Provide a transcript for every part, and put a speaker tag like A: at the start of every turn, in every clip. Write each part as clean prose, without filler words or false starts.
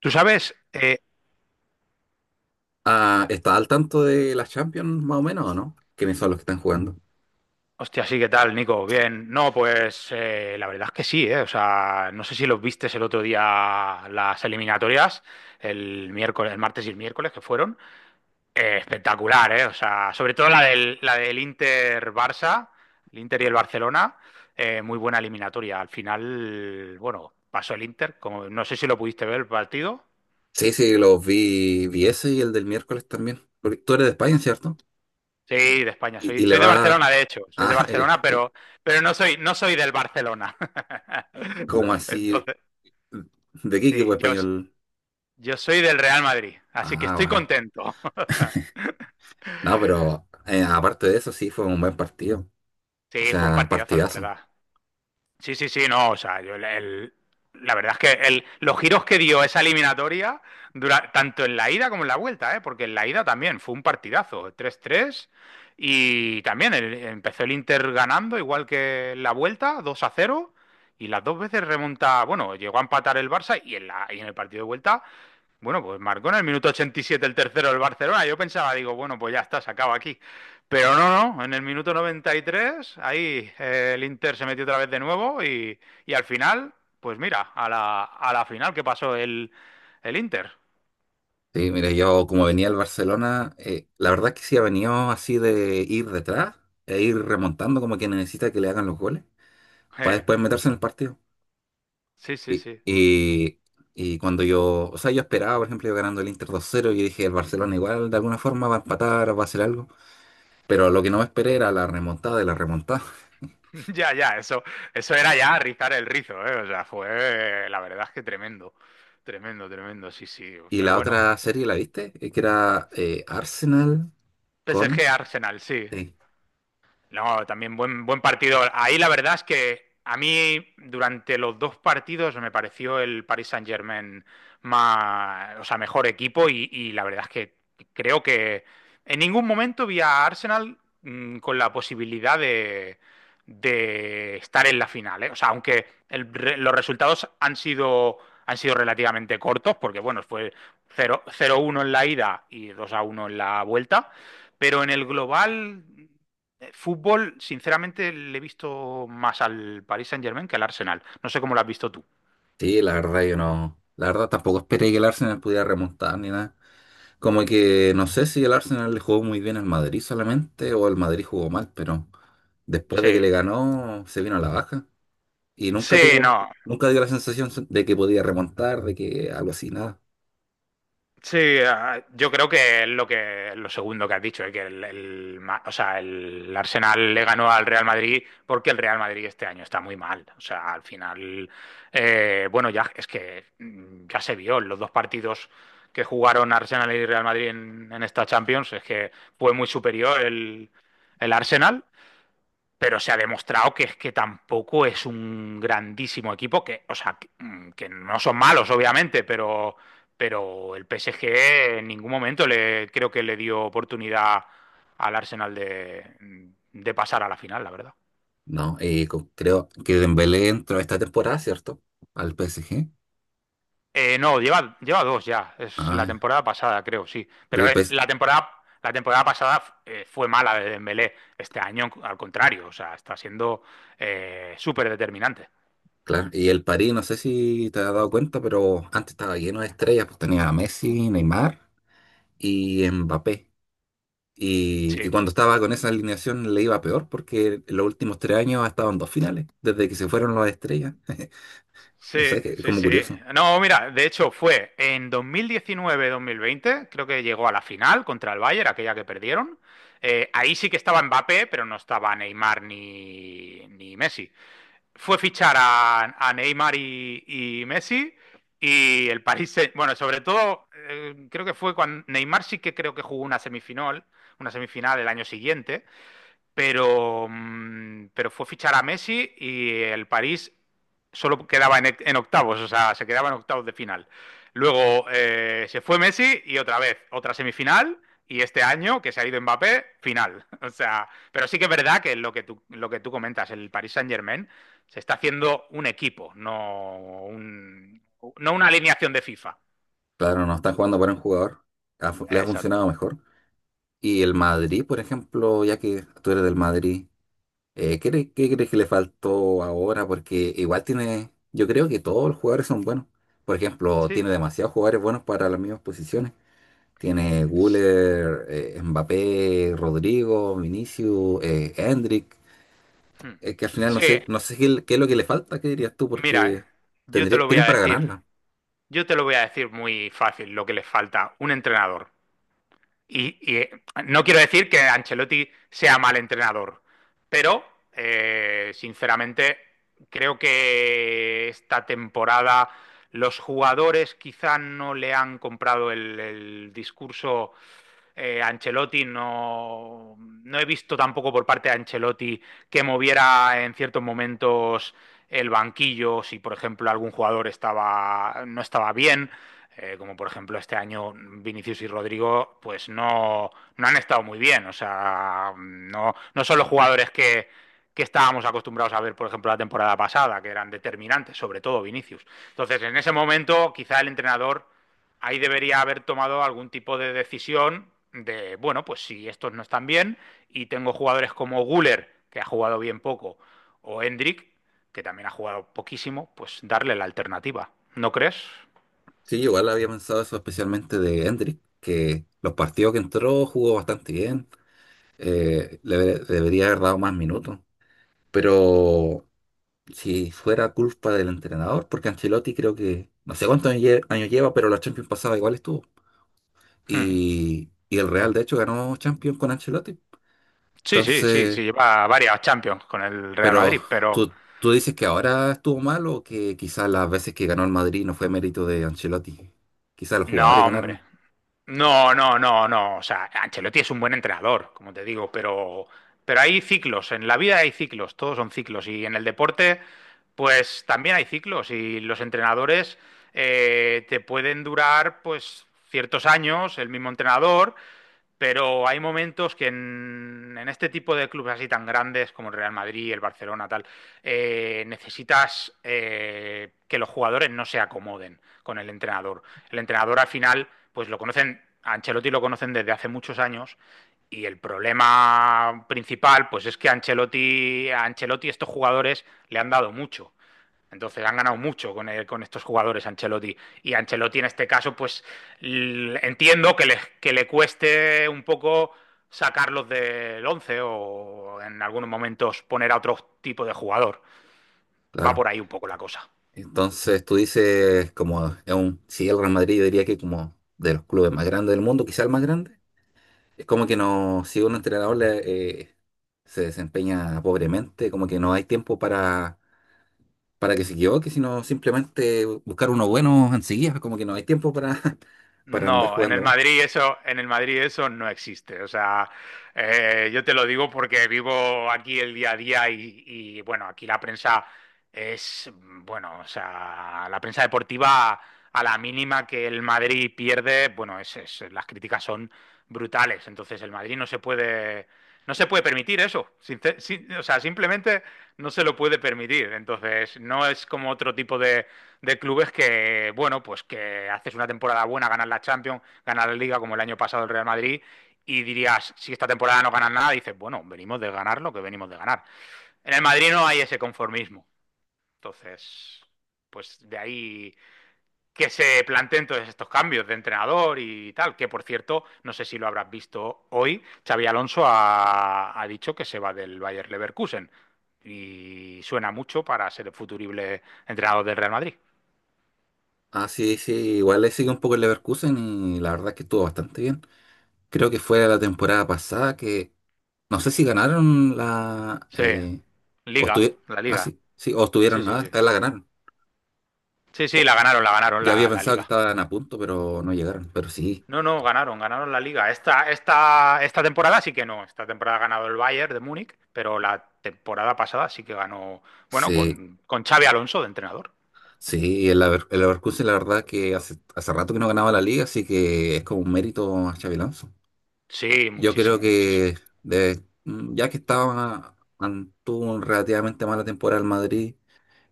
A: Tú sabes,
B: Ah, ¿estás al tanto de las Champions, más o menos, o no? ¿Quiénes son los que están jugando?
A: hostia, sí, ¿qué tal, Nico? Bien, no, pues la verdad es que sí, ¿eh? O sea, no sé si los vistes el otro día las eliminatorias, el miércoles, el martes y el miércoles que fueron. Espectacular, ¿eh? O sea, sobre todo la del Inter-Barça, el Inter y el Barcelona, muy buena eliminatoria. Al final, bueno, pasó el Inter, como, no sé si lo pudiste ver el partido.
B: Sí, sí, los vi, vi ese y el del miércoles también. Porque tú eres de España, ¿cierto?
A: Sí, de España.
B: Y,
A: Soy,
B: y le
A: soy de
B: vas
A: Barcelona, de hecho. Soy de
B: Ah, eres-
A: Barcelona, pero no soy del Barcelona.
B: ¿cómo así?
A: Entonces,
B: ¿De qué equipo
A: sí, yo,
B: español?
A: yo soy del Real Madrid, así que
B: Ah,
A: estoy
B: vale.
A: contento.
B: No, pero aparte de eso, sí, fue un buen partido. O
A: Sí, fue un
B: sea,
A: partidazo, la
B: partidazo.
A: verdad. Sí, sí, sí, no, o sea, la verdad es que los giros que dio esa eliminatoria, tanto en la ida como en la vuelta, ¿eh? Porque en la ida también fue un partidazo, 3-3 y también empezó el Inter ganando, igual que en la vuelta, 2-0 y las dos veces remonta, bueno, llegó a empatar el Barça, y en el partido de vuelta bueno, pues marcó en el minuto 87 el tercero del Barcelona. Yo pensaba, digo, bueno, pues ya está, se acaba aquí. Pero no, no, en el minuto 93, ahí el Inter se metió otra vez de nuevo y al final, pues mira, a la final que pasó el Inter.
B: Sí, mira, yo como venía al Barcelona, la verdad es que sí ha venido así de ir detrás e ir remontando como que necesita que le hagan los goles para
A: Eh,
B: después meterse en el partido.
A: sí, sí,
B: Y,
A: sí.
B: y- y cuando yo, o sea, yo esperaba, por ejemplo, yo ganando el Inter dos cero y dije, el Barcelona igual de alguna forma va a empatar, va a hacer algo.
A: Mm.
B: Pero lo que no me esperé era la remontada de la remontada.
A: Ya, ya, eso era ya rizar el rizo, ¿eh? O sea, fue, la verdad es que tremendo, tremendo, tremendo, sí, sí.
B: Y
A: Pero
B: la
A: bueno,
B: otra serie, ¿la viste? Que era Arsenal
A: PSG
B: con...
A: Arsenal, sí.
B: Sí.
A: No, también buen partido. Ahí la verdad es que a mí durante los dos partidos me pareció el Paris Saint-Germain más, o sea, mejor equipo y la verdad es que creo que en ningún momento vi a Arsenal con la posibilidad de estar en la final, ¿eh? O sea, aunque los resultados han sido, relativamente cortos, porque bueno, fue cero cero uno en la ida y 2-1 en la vuelta, pero en el global fútbol, sinceramente, le he visto más al Paris Saint-Germain que al Arsenal. No sé cómo lo has visto tú.
B: Sí, la verdad yo no... La verdad tampoco esperé que el Arsenal pudiera remontar ni nada. Como que no sé si el Arsenal le jugó muy bien al Madrid solamente o el Madrid jugó mal, pero después
A: Sí,
B: de que le ganó se vino a la baja. Y nunca
A: sí,
B: tuvo,
A: no.
B: nunca dio la sensación de que podía remontar, de que algo así, nada.
A: Sí, ah, yo creo que es lo que lo segundo que has dicho, que o sea, el Arsenal le ganó al Real Madrid porque el Real Madrid este año está muy mal. O sea, al final, bueno, ya es que ya se vio en los dos partidos que jugaron Arsenal y Real Madrid en esta Champions, es que fue muy superior el Arsenal pero se ha demostrado que es que tampoco es un grandísimo equipo, que, o sea, que, que no son malos, obviamente, pero el PSG en ningún momento creo que le dio oportunidad al Arsenal de pasar a la final, la verdad.
B: No, co- creo que Dembélé entró esta temporada, ¿cierto? Al PSG.
A: No, lleva dos ya. Es la
B: Ay,
A: temporada pasada, creo, sí.
B: porque
A: Pero
B: el PSG,
A: la temporada, pasada fue mala de Dembélé. Este año, al contrario, o sea, está siendo súper determinante.
B: claro. Y el París, no sé si te has dado cuenta, pero antes estaba lleno de estrellas, pues tenía a Messi, Neymar y Mbappé. Y
A: Sí.
B: cuando estaba con esa alineación le iba peor porque en los últimos tres años ha estado en dos finales, desde que se fueron las estrellas.
A: Sí,
B: Eso es que- es
A: sí,
B: como
A: sí.
B: curioso.
A: No, mira, de hecho fue en 2019-2020, creo que llegó a la final contra el Bayern, aquella que perdieron. Ahí sí que estaba Mbappé, pero no estaba Neymar ni Messi. Fue fichar a Neymar y Messi y el bueno, sobre todo creo que fue cuando Neymar sí que creo que jugó una semifinal, el año siguiente pero fue fichar a Messi y el París solo quedaba en octavos, o sea, se quedaba en octavos de final. Luego se fue Messi y otra vez, otra semifinal. Y este año, que se ha ido Mbappé, final. O sea, pero sí que es verdad que lo que tú comentas, el Paris Saint-Germain se está haciendo un equipo, no, no una alineación de FIFA.
B: Claro, no están jugando para un jugador. Ha fu- le ha funcionado
A: Exacto.
B: mejor. Y el Madrid, por ejemplo, ya que tú eres del Madrid, ¿qué, cre- qué crees que le faltó ahora? Porque igual tiene, yo creo que todos los jugadores son buenos. Por ejemplo,
A: Sí.
B: tiene demasiados jugadores buenos para las mismas posiciones. Tiene Güler, Mbappé, Rodrigo, Vinicius, Endrick.
A: Hmm.
B: Es que al final no
A: Sí,
B: sé, no sé qué, le- qué es lo que le falta, ¿qué dirías tú?
A: mira,
B: Porque
A: yo te
B: tendría,
A: lo voy
B: tienen
A: a
B: para
A: decir.
B: ganarla.
A: Yo te lo voy a decir muy fácil, lo que les falta, un entrenador. Y no quiero decir que Ancelotti sea mal entrenador, pero sinceramente creo que esta temporada los jugadores quizá no le han comprado el discurso Ancelotti, no, no he visto tampoco por parte de Ancelotti que moviera en ciertos momentos el banquillo, si por ejemplo algún jugador no estaba bien como por ejemplo este año Vinicius y Rodrigo, pues no, no han estado muy bien. O sea, no, no son los jugadores que estábamos acostumbrados a ver, por ejemplo, la temporada pasada, que eran determinantes, sobre todo Vinicius. Entonces, en ese momento, quizá el entrenador ahí debería haber tomado algún tipo de decisión de, bueno, pues si estos no están bien y tengo jugadores como Guller, que ha jugado bien poco, o Endrick que también ha jugado poquísimo, pues darle la alternativa. ¿No crees?
B: Sí, yo igual había pensado eso especialmente de Endrick, que los partidos que entró jugó bastante bien. Le debe- debería haber dado más minutos. Pero si fuera culpa del entrenador, porque Ancelotti creo que, no sé cuántos años lle- años lleva, pero la Champions pasada igual estuvo.
A: Hmm.
B: Y el Real, de hecho, ganó Champions con Ancelotti.
A: Sí, sí, sí, sí,
B: Entonces,
A: lleva varias Champions con el Real
B: pero
A: Madrid, pero
B: tú dices que ahora estuvo mal o que quizás las veces que ganó el Madrid no fue mérito de Ancelotti. Quizás los jugadores
A: no, hombre.
B: ganaron,
A: No, no, no, no. O sea, Ancelotti es un buen entrenador, como te digo, pero hay ciclos. En la vida hay ciclos, todos son ciclos. Y en el deporte, pues también hay ciclos. Y los entrenadores te pueden durar, pues, ciertos años, el mismo entrenador, pero hay momentos que este tipo de clubes así tan grandes como el Real Madrid, el Barcelona, tal, necesitas que los jugadores no se acomoden con el entrenador. El entrenador al final, pues lo conocen, a Ancelotti lo conocen desde hace muchos años y el problema principal, pues es que a Ancelotti estos jugadores le han dado mucho. Entonces han ganado mucho con estos jugadores Ancelotti. Y Ancelotti en este caso, pues entiendo que le cueste un poco sacarlos del 11 o en algunos momentos poner a otro tipo de jugador. Va
B: claro.
A: por ahí un poco la cosa.
B: Entonces tú dices, como es un, si el Real Madrid, yo diría que como de los clubes más grandes del mundo, quizás el más grande. Es como que no, si un entrenador le, se desempeña pobremente, como que no hay tiempo para que se equivoque, sino simplemente buscar uno bueno enseguida, como que no hay tiempo para, para andar
A: No, en
B: jugando
A: el
B: mal.
A: Madrid eso, en el Madrid eso no existe. O sea, yo te lo digo porque vivo aquí el día a día y, bueno, aquí la prensa bueno, o sea, la prensa deportiva a la mínima que el Madrid pierde, bueno, las críticas son brutales. Entonces el Madrid no se puede permitir eso. O sea, simplemente no se lo puede permitir. Entonces no es como otro tipo de clubes que, bueno, pues que haces una temporada buena, ganas la Champions, ganas la Liga como el año pasado el Real Madrid y dirías, si esta temporada no ganas nada, dices, bueno, venimos de ganar lo que venimos de ganar. En el Madrid no hay ese conformismo. Entonces, pues de ahí que se planteen todos estos cambios de entrenador y tal, que por cierto, no sé si lo habrás visto hoy, Xavi Alonso ha dicho que se va del Bayer Leverkusen y suena mucho para ser el futurible entrenador del Real Madrid.
B: Ah, sí, sí, igual le sigue un poco el Leverkusen y la verdad es que estuvo bastante bien. Creo que fue la temporada pasada que, no sé si ganaron la,
A: Sí,
B: o
A: Liga,
B: estuvieron,
A: la
B: ah,
A: Liga.
B: sí, sí, o
A: Sí,
B: estuvieron,
A: sí,
B: ah,
A: sí.
B: la ganaron.
A: Sí, sí,
B: O-
A: la ganaron
B: ya había
A: la
B: pensado que
A: Liga.
B: estaban a punto, pero no llegaron, pero sí.
A: No, no, ganaron la Liga. Esta temporada sí que no. Esta temporada ha ganado el Bayern de Múnich, pero la temporada pasada sí que ganó, bueno,
B: Sí,
A: con Xavi Alonso de entrenador.
B: sí, el, Lever- el Leverkusen la verdad que hace, hace rato que no ganaba la liga, así que es como un mérito a Xabi Alonso.
A: Sí,
B: Yo creo
A: muchísimo, muchísimo.
B: que de- ya que estaba, an- tuvo un relativamente mala temporada el Madrid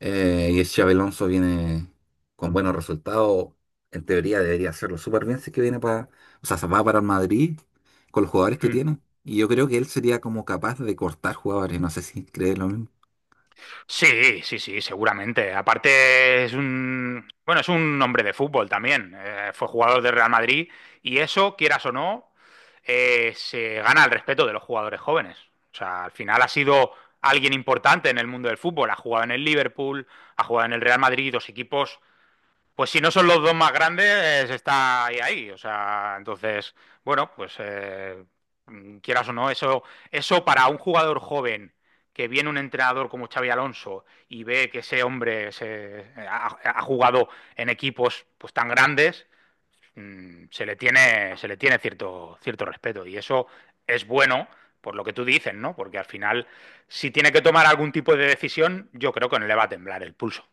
B: eh, y el Xabi Alonso viene con buenos resultados, en teoría debería hacerlo súper bien si es que viene para, o sea, se va para el Madrid con los jugadores que
A: Hmm.
B: tiene. Y yo creo que él sería como capaz de cortar jugadores, no sé si cree lo mismo.
A: Sí, sí, sí, seguramente. Aparte es un hombre de fútbol también. Fue jugador del Real Madrid y eso, quieras o no, se gana el respeto de los jugadores jóvenes. O sea, al final ha sido alguien importante en el mundo del fútbol. Ha jugado en el Liverpool, ha jugado en el Real Madrid, dos equipos pues si no son los dos más grandes, está ahí, ahí. O sea, entonces, bueno, pues quieras o no, eso para un jugador joven que viene un entrenador como Xavi Alonso y ve que ese hombre ha jugado en equipos pues tan grandes, se le tiene cierto, cierto respeto. Y eso es bueno por lo que tú dices, ¿no? Porque al final, si tiene que tomar algún tipo de decisión, yo creo que no le va a temblar el pulso.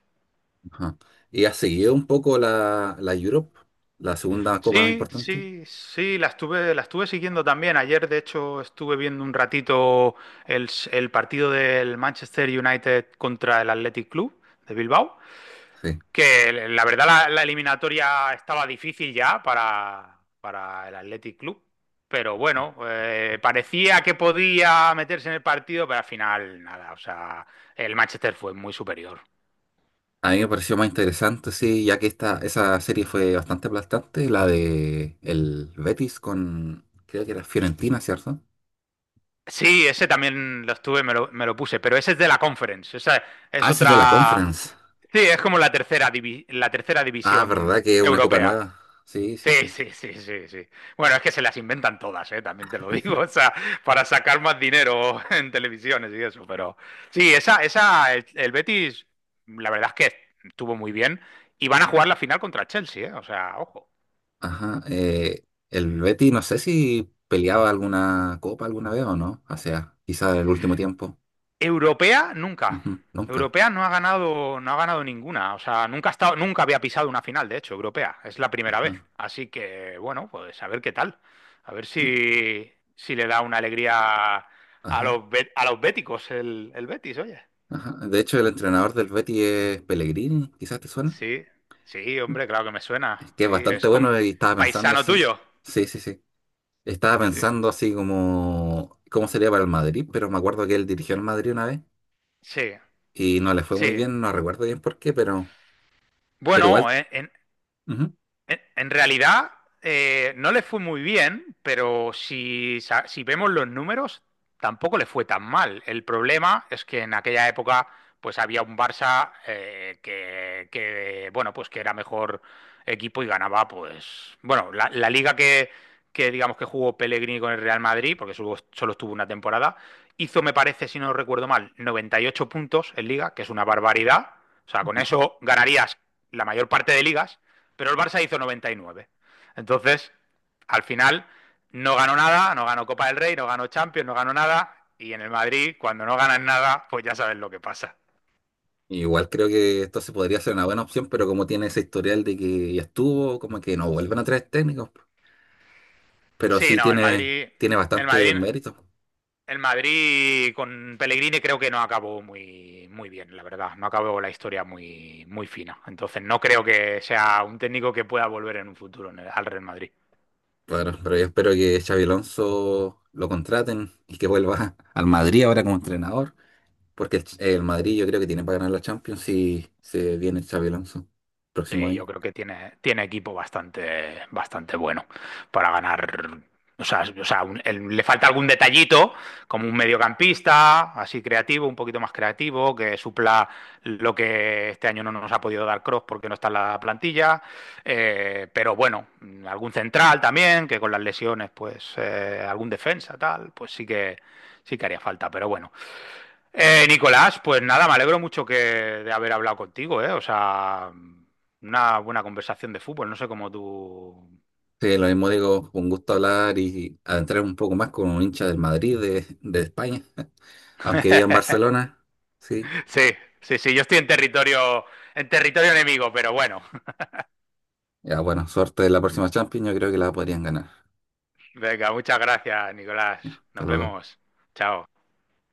B: Ajá. ¿Y has seguido un poco la, la Europe, la segunda copa más
A: Sí,
B: importante?
A: sí, sí, la estuve siguiendo también. Ayer, de hecho, estuve viendo un ratito el partido del Manchester United contra el Athletic Club de Bilbao,
B: Sí.
A: que la verdad la eliminatoria estaba difícil ya para el Athletic Club, pero bueno, parecía que podía meterse en el partido, pero al final nada, o sea, el Manchester fue muy superior.
B: A mí me pareció más interesante, sí, ya que esta, esa serie fue bastante aplastante, la de el Betis con, creo que era Fiorentina, ¿cierto?
A: Sí, ese también lo estuve, me lo puse, pero ese es de la Conference, esa es
B: Ah, esa es de la
A: otra.
B: Conference.
A: Sí, es como la tercera
B: Ah, ¿verdad
A: división
B: que es una copa
A: europea.
B: nueva? Sí, sí,
A: Sí,
B: sí.
A: sí, sí, sí, sí. Bueno, es que se las inventan todas, ¿eh? También te lo digo, o sea, para sacar más dinero en televisiones y eso, pero sí, el Betis, la verdad es que estuvo muy bien y van a jugar la final contra el Chelsea, ¿eh? O sea, ojo.
B: Ajá. El Betis, no sé si peleaba alguna copa alguna vez o no. O sea, quizá el último tiempo.
A: Europea, nunca.
B: Ujú, nunca.
A: Europea no ha ganado ninguna. O sea, nunca ha estado, nunca había pisado una final, de hecho, europea. Es la primera vez.
B: Ajá.
A: Así que, bueno, pues a ver qué tal. A ver
B: Mi-
A: si le da una alegría a
B: Ajá.
A: a los béticos el Betis, oye.
B: Ajá. De hecho, el entrenador del Betis es Pellegrini, quizás te suena.
A: Sí, sí, hombre, claro que me
B: Es
A: suena.
B: que es
A: Sí,
B: bastante
A: es con
B: bueno y estaba pensando
A: paisano
B: así.
A: tuyo.
B: Sí, sí, sí. Estaba
A: Sí,
B: pensando así como cómo sería para el Madrid, pero me acuerdo que él dirigió al Madrid una vez
A: sí,
B: y no le fue muy
A: sí.
B: bien, no recuerdo bien por qué, pero
A: Bueno,
B: igual,
A: eh, en,
B: ujú.
A: En, en realidad, no le fue muy bien, pero si vemos los números, tampoco le fue tan mal. El problema es que en aquella época, pues había un Barça que, bueno, pues que era mejor equipo y ganaba, pues, bueno, la liga que, digamos que jugó Pellegrini con el Real Madrid, porque solo estuvo una temporada, hizo, me parece, si no recuerdo mal, 98 puntos en liga, que es una barbaridad. O sea, con eso ganarías la mayor parte de ligas pero el Barça hizo 99. Entonces, al final, no ganó nada, no ganó Copa del Rey, no ganó Champions, no ganó nada. Y en el Madrid, cuando no ganan nada, pues ya sabes lo que pasa.
B: Igual creo que esto se podría ser una buena opción, pero como tiene ese historial de que ya estuvo, como que no vuelven a traer técnicos, pero
A: Sí,
B: sí
A: no,
B: tiene, tiene
A: El
B: bastante
A: Madrid,
B: mérito.
A: el Madrid con Pellegrini creo que no acabó muy, muy bien, la verdad. No acabó la historia muy, muy fina. Entonces, no creo que sea un técnico que pueda volver en un futuro al Real Madrid.
B: Claro, pero yo espero que Xavi Alonso lo contraten y que vuelva al Madrid ahora como entrenador, porque el, Ch- el Madrid yo creo que tiene para ganar la Champions si se viene Xavi Alonso próximo
A: Sí, yo
B: año.
A: creo que tiene equipo bastante, bastante bueno para ganar. O sea, le falta algún detallito, como un mediocampista, así creativo, un poquito más creativo, que supla lo que este año no nos ha podido dar Kroos porque no está en la plantilla. Pero bueno, algún central también, que con las lesiones, pues algún defensa, tal, pues sí que haría falta. Pero bueno, Nicolás, pues nada, me alegro mucho que de haber hablado contigo, ¿eh? O sea, una buena conversación de fútbol, no sé cómo tú.
B: Sí, lo mismo
A: Mm.
B: digo, un gusto hablar y adentrar un poco más con un hincha del Madrid de España, aunque viva en Barcelona, sí.
A: Sí, sí, sí, yo estoy en territorio enemigo, pero bueno.
B: Ya bueno, suerte de la próxima Champions, yo creo que la podrían ganar.
A: Venga, muchas gracias, Nicolás.
B: Ya, hasta
A: Nos
B: luego.
A: vemos. Chao.